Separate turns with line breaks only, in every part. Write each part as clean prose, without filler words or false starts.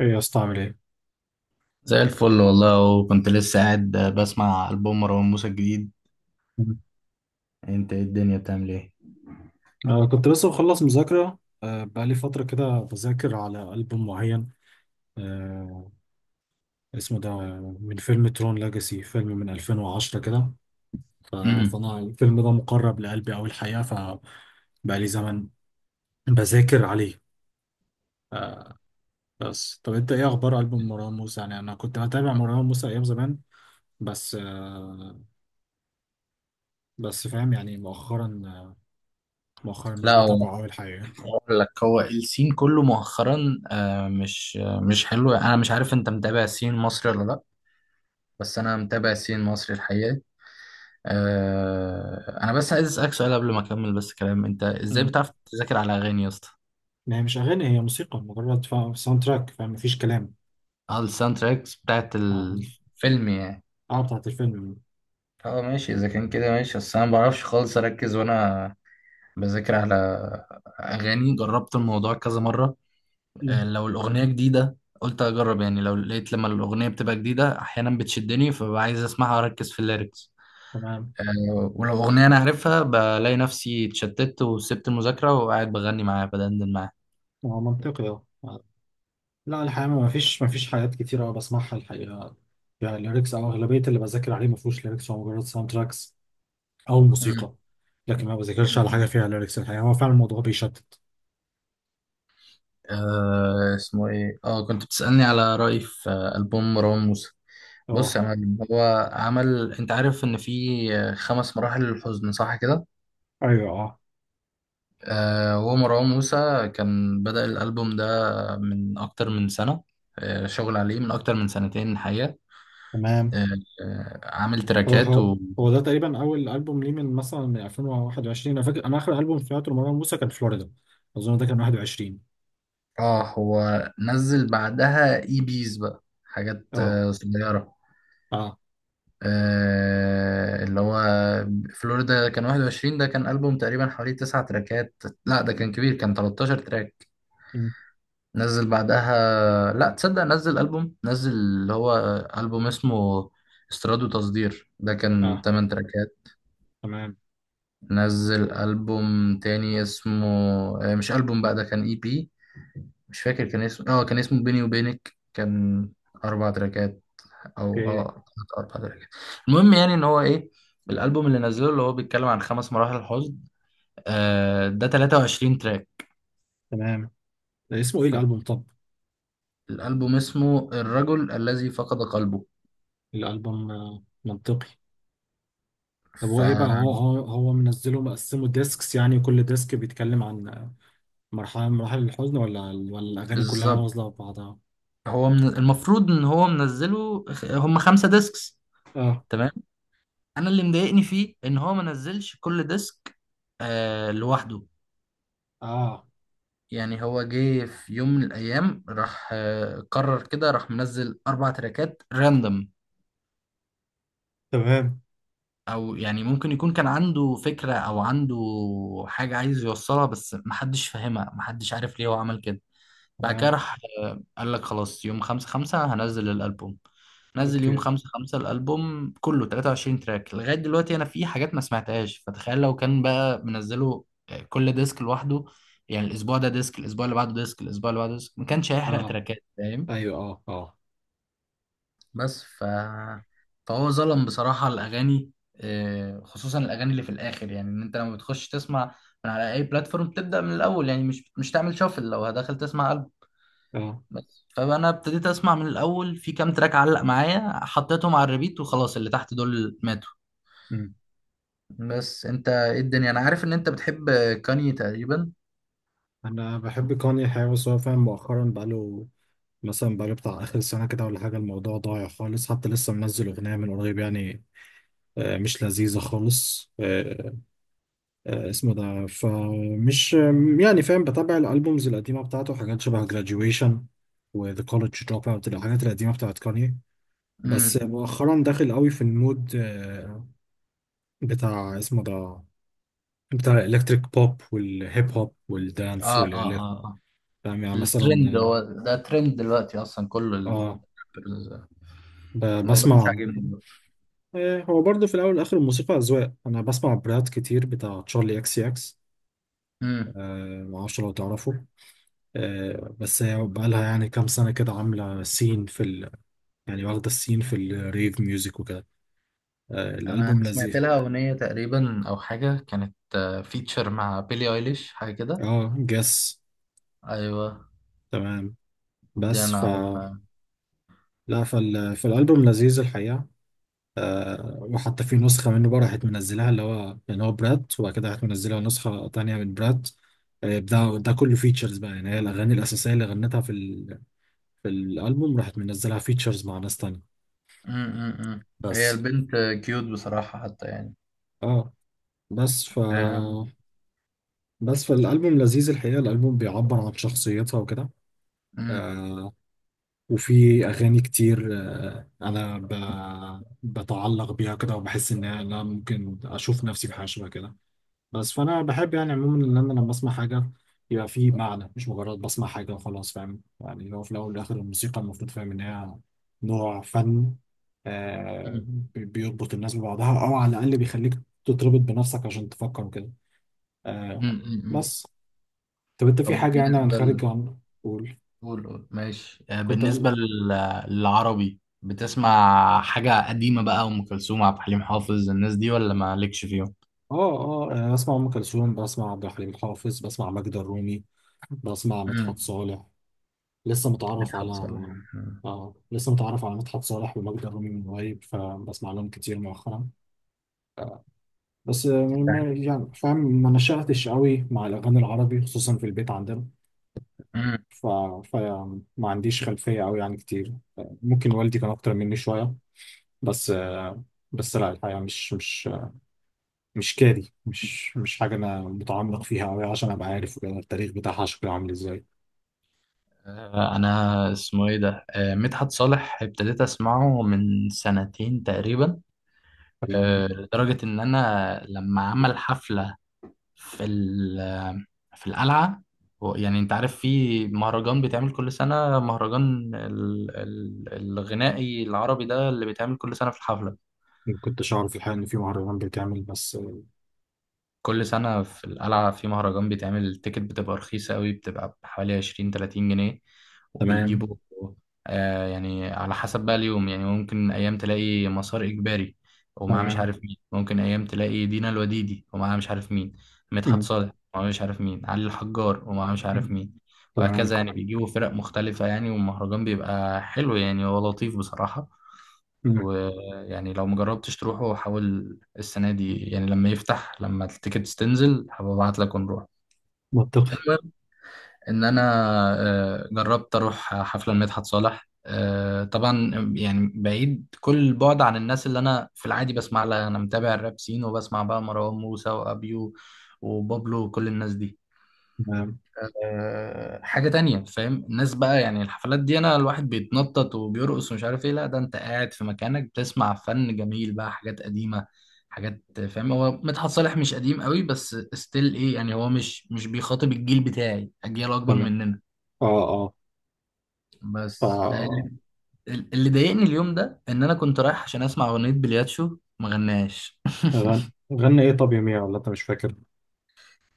ايه يا اسطى عامل ايه؟
زي الفل والله وكنت لسه قاعد بسمع ألبوم مروان موسى الجديد.
مم.
انت إيه الدنيا بتعمل ايه؟
أنا كنت لسه مخلص مذاكرة بقالي فترة كده بذاكر على ألبوم معين آه، اسمه ده من فيلم ترون لاجاسي فيلم من 2010 كده. ف-
امم
فأنا الفيلم ده مقرب لقلبي أوي الحقيقة، فبقالي زمن بذاكر عليه. بس طب أنت إيه أخبار ألبوم مروان موسى؟ يعني أنا كنت بتابع مروان موسى أيام زمان، بس بس فاهم يعني مؤخرا مش
لا هو
بتابعه أوي الحقيقة.
اقول لك، هو السين كله مؤخرا مش حلو. انا مش عارف انت متابع السين المصري ولا لا. بس انا متابع السين المصري الحقيقة. انا بس عايز اسالك سؤال قبل ما اكمل بس كلام، انت ازاي
مم.
بتعرف تذاكر على اغاني يا اسطى؟
ما هي مش أغاني، هي موسيقى مجرد، ساوند تراك، فاهم، مفيش كلام.
اه، الساوند تراكس بتاعت
اه
الفيلم يعني.
بتاعت الفيلم.
اه ماشي، اذا كان كده ماشي، بس انا ما بعرفش خالص اركز وانا بذاكر على أغاني. جربت الموضوع كذا مرة.
مم.
لو الأغنية جديدة قلت أجرب يعني، لو لقيت لما الأغنية بتبقى جديدة أحيانا بتشدني فببقى عايز أسمعها وأركز في الليركس.
تمام.
ولو أغنية أنا عارفها بلاقي نفسي اتشتت وسبت المذاكرة وقاعد بغني معاها، بدندن معاها.
هو منطقي، اه آه. لا الحقيقة ما فيش حاجات كتير أوي بسمعها الحقيقة، يعني ليركس. أو أغلبية اللي بذاكر عليه ما فيهوش ليركس، هو مجرد ساوند تراكس أو
مم.
موسيقى. لكن ما بذاكرش على حاجة
مم.
فيها ليركس الحقيقة، هو فعلا الموضوع بيشتت.
اسمه إيه؟ كنت بتسألني على رأيي في ألبوم مروان موسى. بص
اه
يا معلم، هو عمل، أنت عارف إن في خمس مراحل للحزن، صح كده؟
ايوه اه.
هو مروان موسى كان بدأ الألبوم ده من أكتر من سنة. شغل عليه من أكتر من سنتين الحقيقة.
تمام.
آه، عامل
هو
تراكات،
هو
و
هو ده تقريبا أول ألبوم ليه من مثلا من 2021. أنا فاكر أنا آخر ألبوم سمعته لمروان موسى كان فلوريدا، أظن ده كان 21.
هو نزل بعدها إي بيز بقى حاجات
اه
صغيرة.
اه.
اللي هو فلوريدا كان 21. ده كان ألبوم تقريبا حوالي تسع تراكات. لا، ده كان كبير، كان 13 تراك.
مم.
نزل بعدها، لا تصدق، نزل ألبوم، نزل اللي هو ألبوم اسمه استيراد وتصدير، ده كان
اه
8 تراكات.
تمام.
نزل ألبوم تاني اسمه، مش ألبوم بقى، ده كان اي بي. مش فاكر كان اسمه، كان اسمه بيني وبينك، كان أربع تراكات. أو
اوكي.
أربع تراكات. المهم يعني إن هو إيه، الألبوم اللي نزله اللي هو بيتكلم عن خمس مراحل حزن، ده 23 تراك.
تمام. اسمه ايه الالبوم طب؟
فالألبوم اسمه الرجل الذي فقد قلبه.
الالبوم. منطقي. طب
ف
هو ايه بقى، هو هو منزله مقسمه ديسكس، يعني كل ديسك بيتكلم عن مرحله من مراحل الحزن، ولا الاغاني كلها
بالظبط.
نازله في بعضها؟
هو من المفروض ان هو منزله هم خمسة ديسكس.
اه
تمام. انا اللي مضايقني فيه ان هو ما نزلش كل ديسك لوحده.
اه.
يعني هو جه في يوم من الايام، راح قرر كده، راح منزل اربع تراكات راندوم.
تمام.
او يعني ممكن يكون كان عنده فكرة او عنده حاجة عايز يوصلها بس محدش فاهمها، محدش عارف ليه هو عمل كده. بعد كده
تمام.
راح قال لك، خلاص، يوم 5/5 هنزل الألبوم. نزل يوم
اوكي.
خمسة خمسة الألبوم كله 23 تراك. لغاية دلوقتي أنا في حاجات ما سمعتهاش. فتخيل لو كان بقى منزله كل ديسك لوحده، يعني الأسبوع ده ديسك، الأسبوع اللي بعده ديسك، الأسبوع اللي بعده ديسك، ما كانش هيحرق
اه
تراكات فاهم.
ايوه اه اه
بس ف... فهو ظلم بصراحة الأغاني، خصوصا الأغاني اللي في الآخر. يعني إن أنت لما بتخش تسمع من على أي بلاتفورم تبدأ من الأول يعني، مش تعمل شافل. لو هدخل تسمع
اه.
بس، فانا ابتديت اسمع من الاول. في كام تراك علق معايا، حطيتهم على الريبيت وخلاص، اللي تحت دول ماتوا.
أمم.
بس انت ايه الدنيا؟ انا عارف ان انت بتحب كاني تقريبا.
انا بحب كوني حاجه، بس هو فاهم مؤخرا بقاله، مثلا بقاله بتاع آخر سنة كده ولا حاجة الموضوع ضايع خالص. حتى لسه منزل أغنية من قريب يعني، مش لذيذة خالص. اسمه ده فمش يعني، فاهم، بتابع الالبومز القديمه بتاعته، حاجات شبه graduation و The College Dropout، الحاجات القديمه بتاعت كاني. بس
امم
مؤخرا داخل قوي في المود بتاع اسمه ده، بتاع الالكتريك بوب والهيب هوب والدانس
اه اه
والالكتريك.
اه اه.
فاهم يعني
الترند،
مثلا
هو ده ترند دلوقتي اصلا كله
اه آه،
ال- الموضوع مش
بسمع
عاجبني دلوقتي.
آه، هو برضه في الاول والاخر الموسيقى اذواق. انا بسمع براد كتير بتاع تشارلي اكس اكس،
امم
معرفش لو تعرفه. بس هي بقالها يعني كام سنة كده عاملة سين في ال... يعني واخدة السين في الريف ميوزك وكده.
انا
الألبوم
سمعت
لذيذ.
لها اغنيه تقريبا او حاجه، كانت فيتشر مع بيلي ايليش حاجه كده.
اه جس.
ايوه،
تمام.
دي
بس
انا
ف
عارفها.
لا فال... فالألبوم لذيذ الحقيقة. وحتى في نسخة منه بقى راحت منزلها، اللي هو يعني هو برات، وبعد كده راحت منزلها نسخة تانية من برات. ده ده كله فيتشرز بقى، يعني هي الأغاني الأساسية اللي غنتها في ال... في الألبوم راحت منزلها فيتشرز مع ناس تانية.
امم هي
بس
البنت كيوت بصراحة حتى يعني.
اه، بس ف
آه،
بس فالألبوم لذيذ الحقيقة، الألبوم بيعبر عن شخصيتها وكده.
مم،
آه وفي أغاني كتير آه أنا ب... بتعلق بيها كده وبحس إن أنا ممكن أشوف نفسي في حاجة شبه كده. بس فأنا بحب يعني عموما إن أنا لما أسمع حاجة يبقى في معنى، مش مجرد بسمع حاجة وخلاص. فاهم يعني هو في الأول والآخر الموسيقى المفروض فاهم إن هي نوع فن. آه
مم،
بيربط الناس ببعضها، أو على الأقل بيخليك تتربط بنفسك عشان تفكر وكده. آه.
مم، مم.
بس طب انت
طب
في حاجة يعني عن
بالنسبة
خارج عن، قول.
قول قول ماشي.
كنت اقول
بالنسبة للعربي، بتسمع حاجة قديمة بقى، أم كلثوم، عبد الحليم حافظ، الناس دي ولا مالكش فيهم؟
اه اه. انا بسمع ام كلثوم، بسمع عبد الحليم حافظ، بسمع ماجدة الرومي، بسمع مدحت
مم.
صالح. لسه متعرف على،
مدحت صالح. مم.
اه لسه متعرف على مدحت صالح وماجدة الرومي من قريب، فبسمع لهم كتير مؤخرا. بس
أنت عارف؟
يعني فاهم ما نشأتش قوي مع الاغاني العربي خصوصا في البيت عندنا.
مم.
ف... فما عنديش خلفية قوي يعني كتير، ممكن والدي كان اكتر مني شوية. بس بس لا الحقيقة مش كاري، مش حاجة أنا متعمق فيها أوي عشان أبقى عارف وكده التاريخ بتاعها شكله عامل إزاي.
أنا اسمه إيه ده؟ مدحت صالح ابتديت أسمعه من سنتين تقريبا.
تمام.
لدرجة إن أنا لما عمل حفلة في ال- في القلعة، يعني انت عارف في مهرجان بيتعمل كل سنة، مهرجان الغنائي العربي ده اللي بيتعمل كل سنة في الحفلة.
ما كنتش أعرف الحقيقة إن في مهرجان بيتعمل بس آه،.
كل سنة في القلعة في مهرجان بيتعمل، التيكت بتبقى رخيصة قوي، بتبقى بحوالي 20 30 جنيه.
تمام.
وبيجيبوا يعني على حسب بقى اليوم. يعني ممكن أيام تلاقي مسار إجباري ومعاه مش
تمام.
عارف مين، ممكن أيام تلاقي دينا الوديدي ومعاه مش عارف مين، مدحت
مم.
صالح ومعاه مش عارف مين، علي الحجار ومعاه مش عارف
مم.
مين،
تمام.
وهكذا. يعني بيجيبوا فرق مختلفة يعني، والمهرجان بيبقى حلو يعني، هو لطيف بصراحة.
مم.
ويعني لو مجربتش تروحه، حاول السنة دي يعني لما يفتح، لما التيكتس تنزل هبعت لك ونروح.
منطقي.
المهم إن أنا جربت أروح حفلة لمدحت صالح، طبعا، يعني بعيد كل البعد عن الناس اللي أنا في العادي بسمع لها، أنا متابع الراب سين وبسمع بقى مروان موسى وأبيو وبابلو وكل الناس دي.
تمام.
حاجة تانية فاهم، الناس بقى، يعني الحفلات دي انا الواحد بيتنطط وبيرقص ومش عارف ايه، لا ده انت قاعد في مكانك بتسمع فن جميل بقى، حاجات قديمة، حاجات فاهم. هو مدحت صالح مش قديم قوي بس ستيل ايه يعني، هو مش بيخاطب الجيل بتاعي، اجيال اكبر
تمام.
مننا.
أه أه.
بس اللي
ف
اللي ضايقني اليوم ده، ان انا كنت رايح عشان اسمع اغنية بلياتشو ما غناش
غن... غنى إيه طب يا ميا ولا أنت مش فاكر؟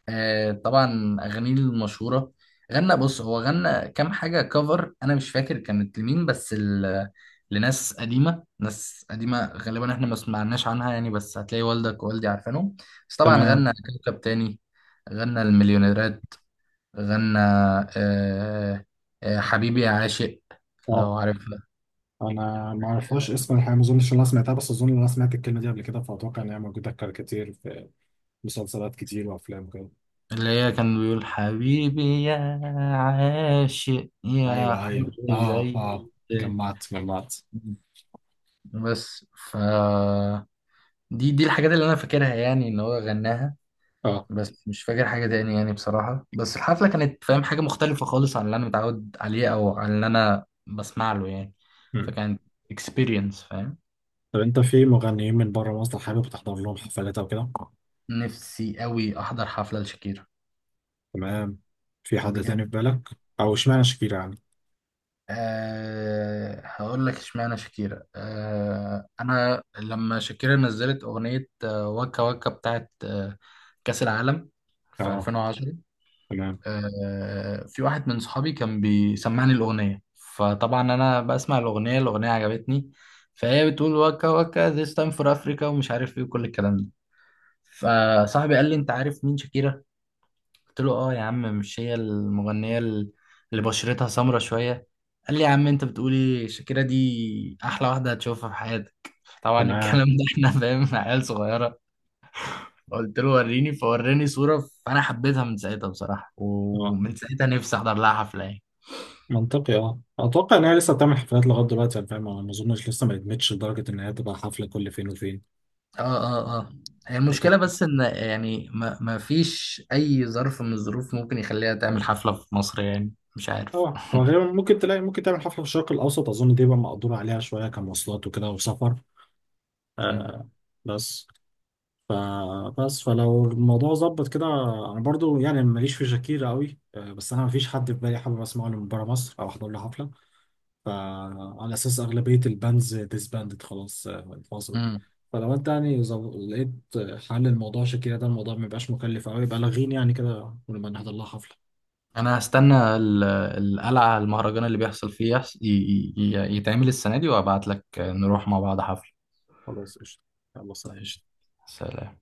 طبعا اغانيه المشهوره. غنى، بص هو غنى كام حاجه كفر، انا مش فاكر كانت لمين بس لناس قديمه، ناس قديمه غالبا احنا ما سمعناش عنها يعني، بس هتلاقي والدك ووالدي عارفينهم. بس طبعا
تمام.
غنى كوكب تاني، غنى المليونيرات، غنى آه حبيبي يا عاشق، لو
أه
عارفها.
أنا ما أعرفهاش اسم الحقيقة، ما أظنش إن أنا سمعتها، بس أظن إن أنا سمعت الكلمة دي قبل كده، فأتوقع إن هي موجودة كتير في مسلسلات كتير وأفلام كده.
اللي هي كان بيقول حبيبي يا عاشق يا
ايوه
حر.
ايوه اه
زي
اه جمعت جمعت.
بس ف دي الحاجات اللي انا فاكرها يعني ان هو غناها.
اه.
بس مش فاكر حاجه تاني يعني بصراحه. بس الحفله كانت فاهم حاجه مختلفه خالص عن اللي انا متعود عليه او عن اللي انا بسمع له يعني.
مم.
فكانت اكسبيرينس فاهم.
طب انت في مغنيين من بره مصر حابب تحضر لهم حفلات او كده؟
نفسي قوي احضر حفله لشاكيرا.
تمام. في حد تاني في
بجد.
بالك؟ او اشمعنى شاكيرا يعني؟
هقول لك اشمعنى شاكيرا. انا لما شاكيرا نزلت اغنيه وكا وكا بتاعت كاس العالم في
اه.
2010.
تمام.
في واحد من صحابي كان بيسمعني الأغنية، فطبعا أنا بسمع الأغنية. الأغنية عجبتني، فهي بتقول وكا وكا this time for Africa ومش عارف إيه وكل الكلام ده. فصاحبي قال لي، أنت عارف مين شاكيرا؟ قلت له، آه يا عم، مش هي المغنية اللي بشرتها سمرة شوية؟ قال لي، يا عم أنت بتقولي، شاكيرا دي أحلى واحدة هتشوفها في حياتك. طبعا
تمام.
الكلام ده إحنا فاهم، عيال صغيرة. قلت له وريني، فوراني صورة، فأنا حبيتها من ساعتها بصراحة،
اه.
ومن ساعتها نفسي أحضر لها حفلة يعني.
منطقي اه. اتوقع ان هي لسه بتعمل حفلات لغايه دلوقتي يعني، فاهم، أنا ما اظنش لسه ما ادمتش لدرجه ان هي تبقى حفله كل فين وفين.
اه اه اه، هي المشكلة
اتوقع
بس ان يعني ما فيش اي ظرف من الظروف ممكن يخليها تعمل حفلة في مصر يعني، مش عارف.
اه، وغالبا ممكن تلاقي، ممكن تعمل حفله في الشرق الاوسط، اظن دي بقى مقدور عليها شويه كمواصلات وكده وسفر.
مم.
آه. بس فبس فلو الموضوع ظبط كده، انا برضو يعني ماليش في شاكيرا قوي. بس انا مفيش حد في بالي حابب اسمعه من بره مصر او احضر له حفله، فعلى اساس اغلبيه الباندز ديسباندد خلاص، انفصلوا.
امم
فلو انت يعني لقيت حل الموضوع شاكيرا ده، الموضوع ميبقاش مكلف قوي، بلغيني يعني كده ونبقى نحضر لها حفله.
انا هستنى القلعة، المهرجان اللي بيحصل فيه، يحص... ي... ي... ي- يتعمل السنة دي، وابعت لك نروح مع بعض حفلة.
خلاص قشطه. يلا سلام.
قشطة. سلام.